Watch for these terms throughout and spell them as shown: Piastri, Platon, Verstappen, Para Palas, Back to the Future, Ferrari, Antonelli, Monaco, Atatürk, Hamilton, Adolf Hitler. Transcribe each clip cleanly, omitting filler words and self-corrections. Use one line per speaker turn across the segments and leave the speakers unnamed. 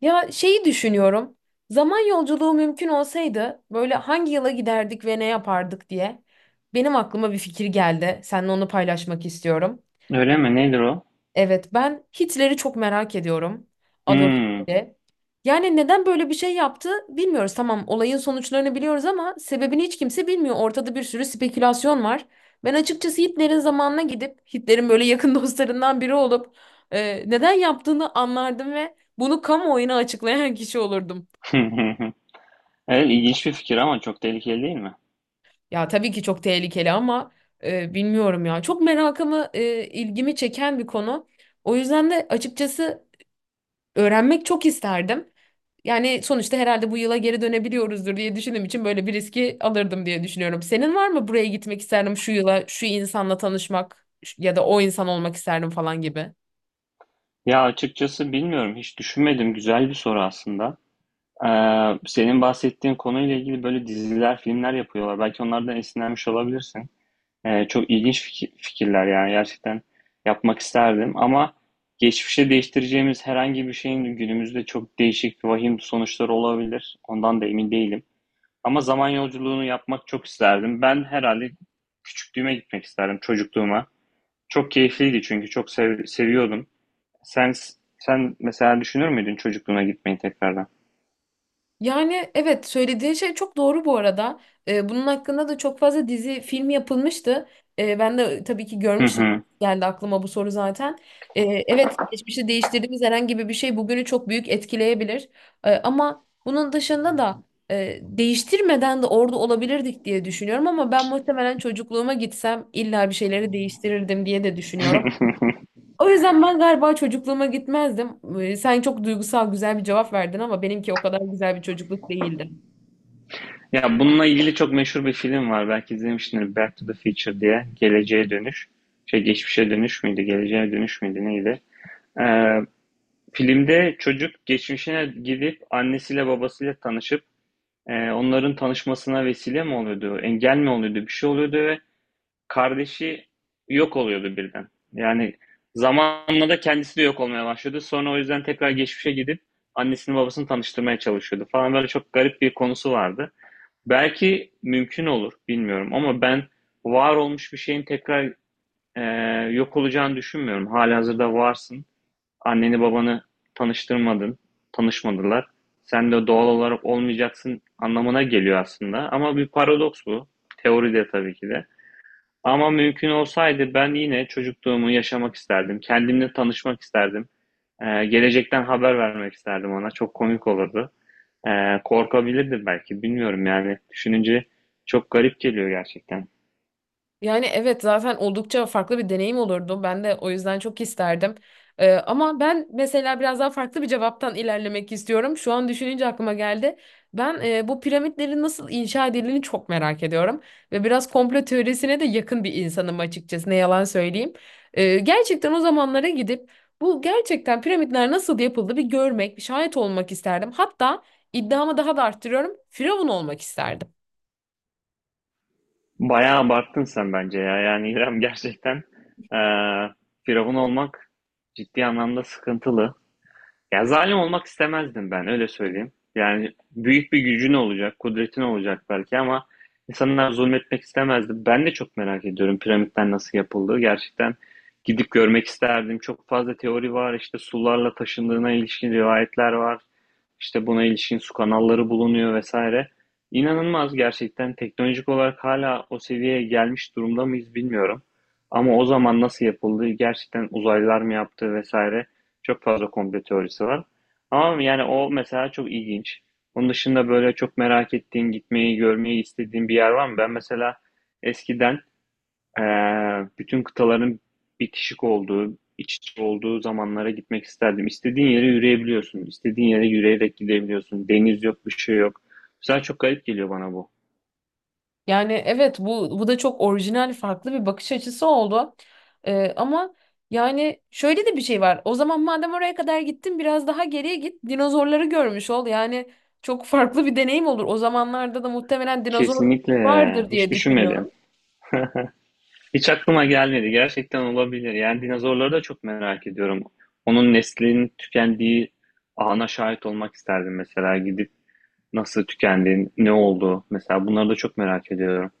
Ya şeyi düşünüyorum. Zaman yolculuğu mümkün olsaydı böyle hangi yıla giderdik ve ne yapardık diye. Benim aklıma bir fikir geldi. Seninle onu paylaşmak istiyorum.
Öyle mi? Nedir o?
Evet, ben Hitler'i çok merak ediyorum. Adolf
Hmm.
Hitler'i. Yani neden böyle bir şey yaptı bilmiyoruz. Tamam, olayın sonuçlarını biliyoruz ama sebebini hiç kimse bilmiyor. Ortada bir sürü spekülasyon var. Ben açıkçası Hitler'in zamanına gidip Hitler'in böyle yakın dostlarından biri olup neden yaptığını anlardım ve bunu kamuoyuna açıklayan kişi olurdum.
Evet, ilginç bir fikir ama çok tehlikeli değil mi?
Ya tabii ki çok tehlikeli ama bilmiyorum ya. Çok merakımı, ilgimi çeken bir konu. O yüzden de açıkçası öğrenmek çok isterdim. Yani sonuçta herhalde bu yıla geri dönebiliyoruzdur diye düşündüğüm için böyle bir riski alırdım diye düşünüyorum. Senin var mı buraya gitmek isterdim şu yıla, şu insanla tanışmak ya da o insan olmak isterdim falan gibi?
Ya açıkçası bilmiyorum. Hiç düşünmedim. Güzel bir soru aslında. Senin bahsettiğin konuyla ilgili böyle diziler, filmler yapıyorlar. Belki onlardan esinlenmiş olabilirsin. Çok ilginç fikirler yani gerçekten yapmak isterdim. Ama geçmişe değiştireceğimiz herhangi bir şeyin günümüzde çok değişik, vahim sonuçları olabilir. Ondan da emin değilim. Ama zaman yolculuğunu yapmak çok isterdim. Ben herhalde küçüklüğüme gitmek isterdim, çocukluğuma. Çok keyifliydi çünkü çok seviyordum. Sen sen mesela düşünür müydün çocukluğuna gitmeyi tekrardan?
Yani evet söylediğin şey çok doğru bu arada. Bunun hakkında da çok fazla dizi, film yapılmıştı. Ben de tabii ki
Hı
görmüştüm.
hı.
Geldi aklıma bu soru zaten. Ee, evet geçmişi değiştirdiğimiz herhangi bir şey bugünü çok büyük etkileyebilir. Ama bunun dışında da değiştirmeden de orada olabilirdik diye düşünüyorum. Ama ben muhtemelen çocukluğuma gitsem illa bir şeyleri değiştirirdim diye de düşünüyorum. O yüzden ben galiba çocukluğuma gitmezdim. Sen çok duygusal güzel bir cevap verdin ama benimki o kadar güzel bir çocukluk değildi.
Ya, bununla ilgili çok meşhur bir film var. Belki izlemişsindir. Back to the Future diye. Geleceğe Dönüş. Şey, Geçmişe Dönüş müydü? Geleceğe Dönüş müydü? Neydi? Eee, filmde çocuk geçmişine gidip annesiyle babasıyla tanışıp, onların tanışmasına vesile mi oluyordu? Engel mi oluyordu? Bir şey oluyordu ve kardeşi yok oluyordu birden. Yani zamanla da kendisi de yok olmaya başladı. Sonra o yüzden tekrar geçmişe gidip annesini babasını tanıştırmaya çalışıyordu falan. Böyle çok garip bir konusu vardı. Belki mümkün olur bilmiyorum ama ben var olmuş bir şeyin tekrar e, yok olacağını düşünmüyorum. Halihazırda varsın. Anneni babanı tanıştırmadın. Tanışmadılar. Sen de doğal olarak olmayacaksın anlamına geliyor aslında. Ama bir paradoks bu. Teoride tabii ki de. Ama mümkün olsaydı ben yine çocukluğumu yaşamak isterdim. Kendimle tanışmak isterdim. Gelecekten haber vermek isterdim ona. Çok komik olurdu. Korkabilirdim belki. Bilmiyorum yani. Düşününce çok garip geliyor gerçekten.
Yani evet zaten oldukça farklı bir deneyim olurdu. Ben de o yüzden çok isterdim. Ama ben mesela biraz daha farklı bir cevaptan ilerlemek istiyorum. Şu an düşününce aklıma geldi. Ben bu piramitlerin nasıl inşa edildiğini çok merak ediyorum. Ve biraz komplo teorisine de yakın bir insanım açıkçası. Ne yalan söyleyeyim. Gerçekten o zamanlara gidip bu gerçekten piramitler nasıl yapıldı bir görmek, bir şahit olmak isterdim. Hatta iddiamı daha da arttırıyorum. Firavun olmak isterdim.
Bayağı abarttın sen bence ya. Yani İrem gerçekten ee, firavun olmak ciddi anlamda sıkıntılı. Ya zalim olmak istemezdim ben öyle söyleyeyim. Yani büyük bir gücün olacak, kudretin olacak belki ama insanlar zulmetmek istemezdi. Ben de çok merak ediyorum piramitler nasıl yapıldı. Gerçekten gidip görmek isterdim. Çok fazla teori var. İşte sularla taşındığına ilişkin rivayetler var. İşte buna ilişkin su kanalları bulunuyor vesaire. İnanılmaz gerçekten teknolojik olarak hala o seviyeye gelmiş durumda mıyız bilmiyorum. Ama o zaman nasıl yapıldı, gerçekten uzaylılar mı yaptı vesaire. Çok fazla komplo teorisi var. Ama yani o mesela çok ilginç. Onun dışında böyle çok merak ettiğin, gitmeyi, görmeyi istediğin bir yer var mı? Ben mesela eskiden bütün kıtaların bitişik olduğu, iç içe olduğu zamanlara gitmek isterdim. İstediğin yere yürüyebiliyorsun, istediğin yere yürüyerek gidebiliyorsun. Deniz yok, bir şey yok. Mesela çok garip geliyor bana bu.
Yani evet bu da çok orijinal farklı bir bakış açısı oldu. Ama yani şöyle de bir şey var. O zaman madem oraya kadar gittin biraz daha geriye git dinozorları görmüş ol. Yani çok farklı bir deneyim olur. O zamanlarda da muhtemelen dinozor
Kesinlikle.
vardır
Hiç
diye
düşünmedim.
düşünüyorum.
Hiç aklıma gelmedi. Gerçekten olabilir. Yani dinozorları da çok merak ediyorum. Onun neslinin tükendiği ana şahit olmak isterdim mesela. Gidip nasıl tükendi, ne oldu? Mesela bunları da çok merak ediyorum.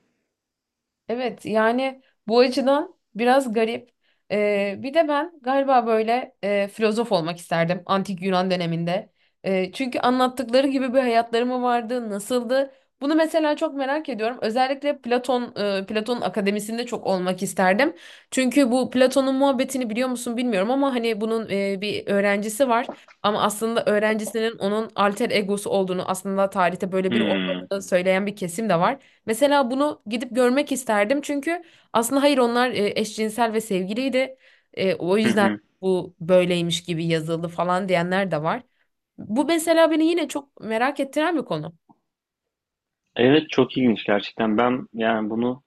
Evet yani bu açıdan biraz garip. Bir de ben galiba böyle filozof olmak isterdim antik Yunan döneminde. Çünkü anlattıkları gibi bir hayatları mı vardı, nasıldı? Bunu mesela çok merak ediyorum. Özellikle Platon, Platon'un akademisinde çok olmak isterdim. Çünkü bu Platon'un muhabbetini biliyor musun bilmiyorum ama hani bunun bir öğrencisi var. Ama aslında öğrencisinin onun alter egosu olduğunu, aslında tarihte böyle bir
Hmm.
olmadığını söyleyen bir kesim de var. Mesela bunu gidip görmek isterdim çünkü aslında hayır onlar eşcinsel ve sevgiliydi. O
Hı
yüzden
hı.
bu böyleymiş gibi yazıldı falan diyenler de var. Bu mesela beni yine çok merak ettiren bir konu.
Evet, çok ilginç gerçekten. Ben yani bunu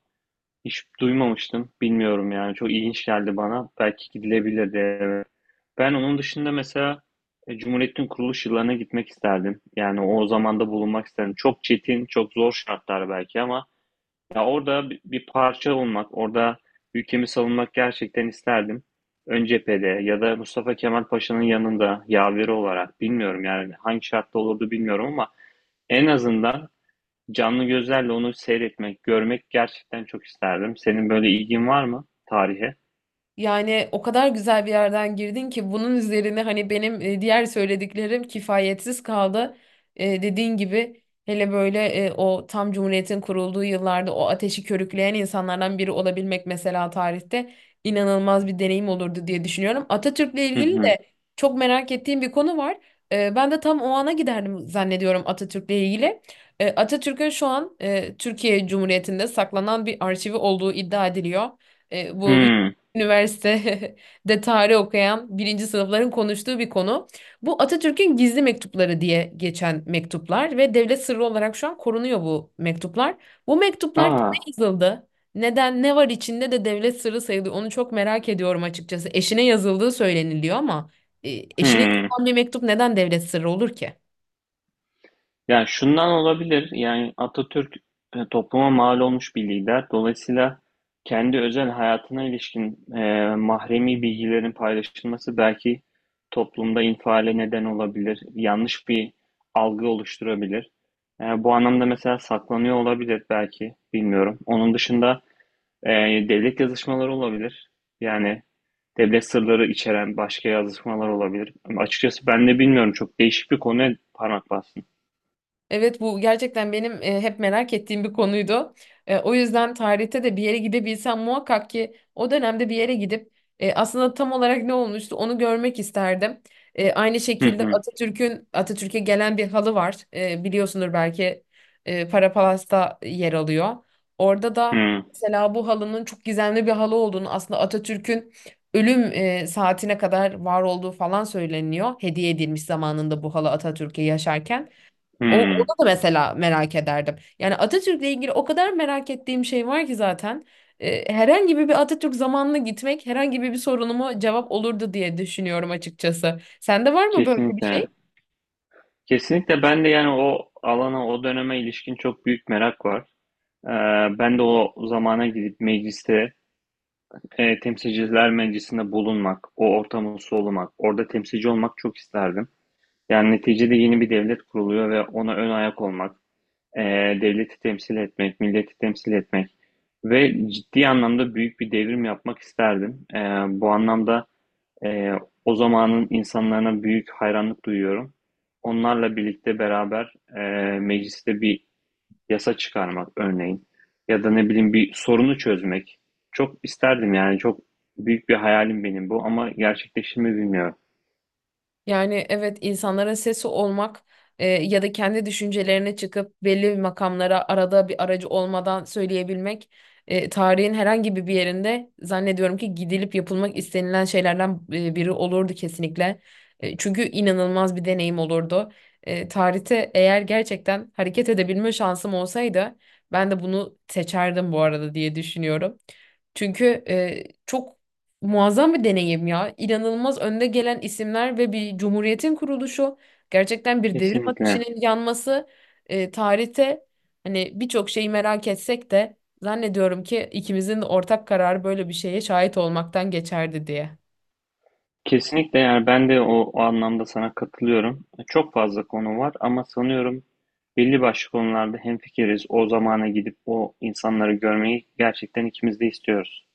hiç duymamıştım. Bilmiyorum yani. Çok ilginç geldi bana. Belki gidilebilirdi. Evet. Ben onun dışında mesela Cumhuriyet'in kuruluş yıllarına gitmek isterdim. Yani o zamanda bulunmak isterdim. Çok çetin, çok zor şartlar belki ama ya orada bir parça olmak, orada ülkemi savunmak gerçekten isterdim. Ön cephede ya da Mustafa Kemal Paşa'nın yanında yaveri olarak bilmiyorum yani hangi şartta olurdu bilmiyorum ama en azından canlı gözlerle onu seyretmek, görmek gerçekten çok isterdim. Senin böyle ilgin var mı tarihe?
Yani o kadar güzel bir yerden girdin ki bunun üzerine hani benim diğer söylediklerim kifayetsiz kaldı. Dediğin gibi hele böyle o tam Cumhuriyet'in kurulduğu yıllarda o ateşi körükleyen insanlardan biri olabilmek mesela tarihte inanılmaz bir deneyim olurdu diye düşünüyorum. Atatürk'le
Hı
ilgili
hı.
de çok merak ettiğim bir konu var. Ben de tam o ana giderdim zannediyorum Atatürk'le ilgili. Atatürk'ün şu an Türkiye Cumhuriyeti'nde saklanan bir arşivi olduğu iddia ediliyor. Bu
Hmm.
Üniversite de tarih okuyan birinci sınıfların konuştuğu bir konu. Bu Atatürk'ün gizli mektupları diye geçen mektuplar ve devlet sırrı olarak şu an korunuyor bu mektuplar. Bu mektuplar kime
Aa.
yazıldı? Neden, ne var içinde de devlet sırrı sayılıyor? Onu çok merak ediyorum açıkçası. Eşine yazıldığı söyleniliyor ama e, eşine
Hmm.
yazılan bir mektup neden devlet sırrı olur ki?
Yani şundan olabilir. Yani Atatürk topluma mal olmuş bir lider. Dolayısıyla kendi özel hayatına ilişkin mahremi bilgilerin paylaşılması belki toplumda infiale neden olabilir. Yanlış bir algı oluşturabilir. Bu anlamda mesela saklanıyor olabilir belki. Bilmiyorum. Onun dışında e, devlet yazışmaları olabilir. Yani devlet sırları içeren başka yazışmalar olabilir. Ama açıkçası ben de bilmiyorum. Çok değişik bir konuya parmak bastın.
Evet bu gerçekten benim hep merak ettiğim bir konuydu. O yüzden tarihte de bir yere gidebilsem muhakkak ki o dönemde bir yere gidip aslında tam olarak ne olmuştu onu görmek isterdim. Aynı
Hı
şekilde
hı.
Atatürk'e gelen bir halı var. Biliyorsundur belki Para Palas'ta yer alıyor. Orada da
Hıı,
mesela bu halının çok gizemli bir halı olduğunu aslında Atatürk'ün ölüm saatine kadar var olduğu falan söyleniyor. Hediye edilmiş zamanında bu halı Atatürk'e yaşarken.
hıı.
Onu da mesela merak ederdim. Yani Atatürk'le ilgili o kadar merak ettiğim şey var ki zaten. Herhangi bir Atatürk zamanına gitmek herhangi bir sorunumu cevap olurdu diye düşünüyorum açıkçası. Sende var mı böyle bir şey?
Kesinlikle. Kesinlikle ben de, yani, o alana, o döneme ilişkin çok büyük merak var. Ben de o zamana gidip mecliste, Temsilciler Meclisi'nde bulunmak, o ortamı solumak, orada temsilci olmak çok isterdim. Yani, neticede yeni bir devlet kuruluyor ve ona ön ayak olmak, devleti temsil etmek, milleti temsil etmek ve ciddi anlamda büyük bir devrim yapmak isterdim. Bu anlamda Ee, o zamanın insanlarına büyük hayranlık duyuyorum. Onlarla birlikte beraber mecliste bir yasa çıkarmak örneğin ya da ne bileyim bir sorunu çözmek. Çok isterdim yani çok büyük bir hayalim benim bu ama gerçekleşir mi bilmiyorum.
Yani evet insanlara sesi olmak ya da kendi düşüncelerine çıkıp belli bir makamlara arada bir aracı olmadan söyleyebilmek tarihin herhangi bir yerinde zannediyorum ki gidilip yapılmak istenilen şeylerden biri olurdu kesinlikle. Çünkü inanılmaz bir deneyim olurdu. Tarihte eğer gerçekten hareket edebilme şansım olsaydı ben de bunu seçerdim bu arada diye düşünüyorum. Çünkü e, çok muazzam bir deneyim ya. İnanılmaz önde gelen isimler ve bir cumhuriyetin kuruluşu. Gerçekten bir devrim
Kesinlikle.
ateşinin yanması. Tarihte hani birçok şeyi merak etsek de zannediyorum ki ikimizin de ortak kararı böyle bir şeye şahit olmaktan geçerdi diye.
Kesinlikle yani ben de o, o anlamda sana katılıyorum. Çok fazla konu var ama sanıyorum belli başlı konularda hemfikiriz. O zamana gidip o insanları görmeyi gerçekten ikimiz de istiyoruz.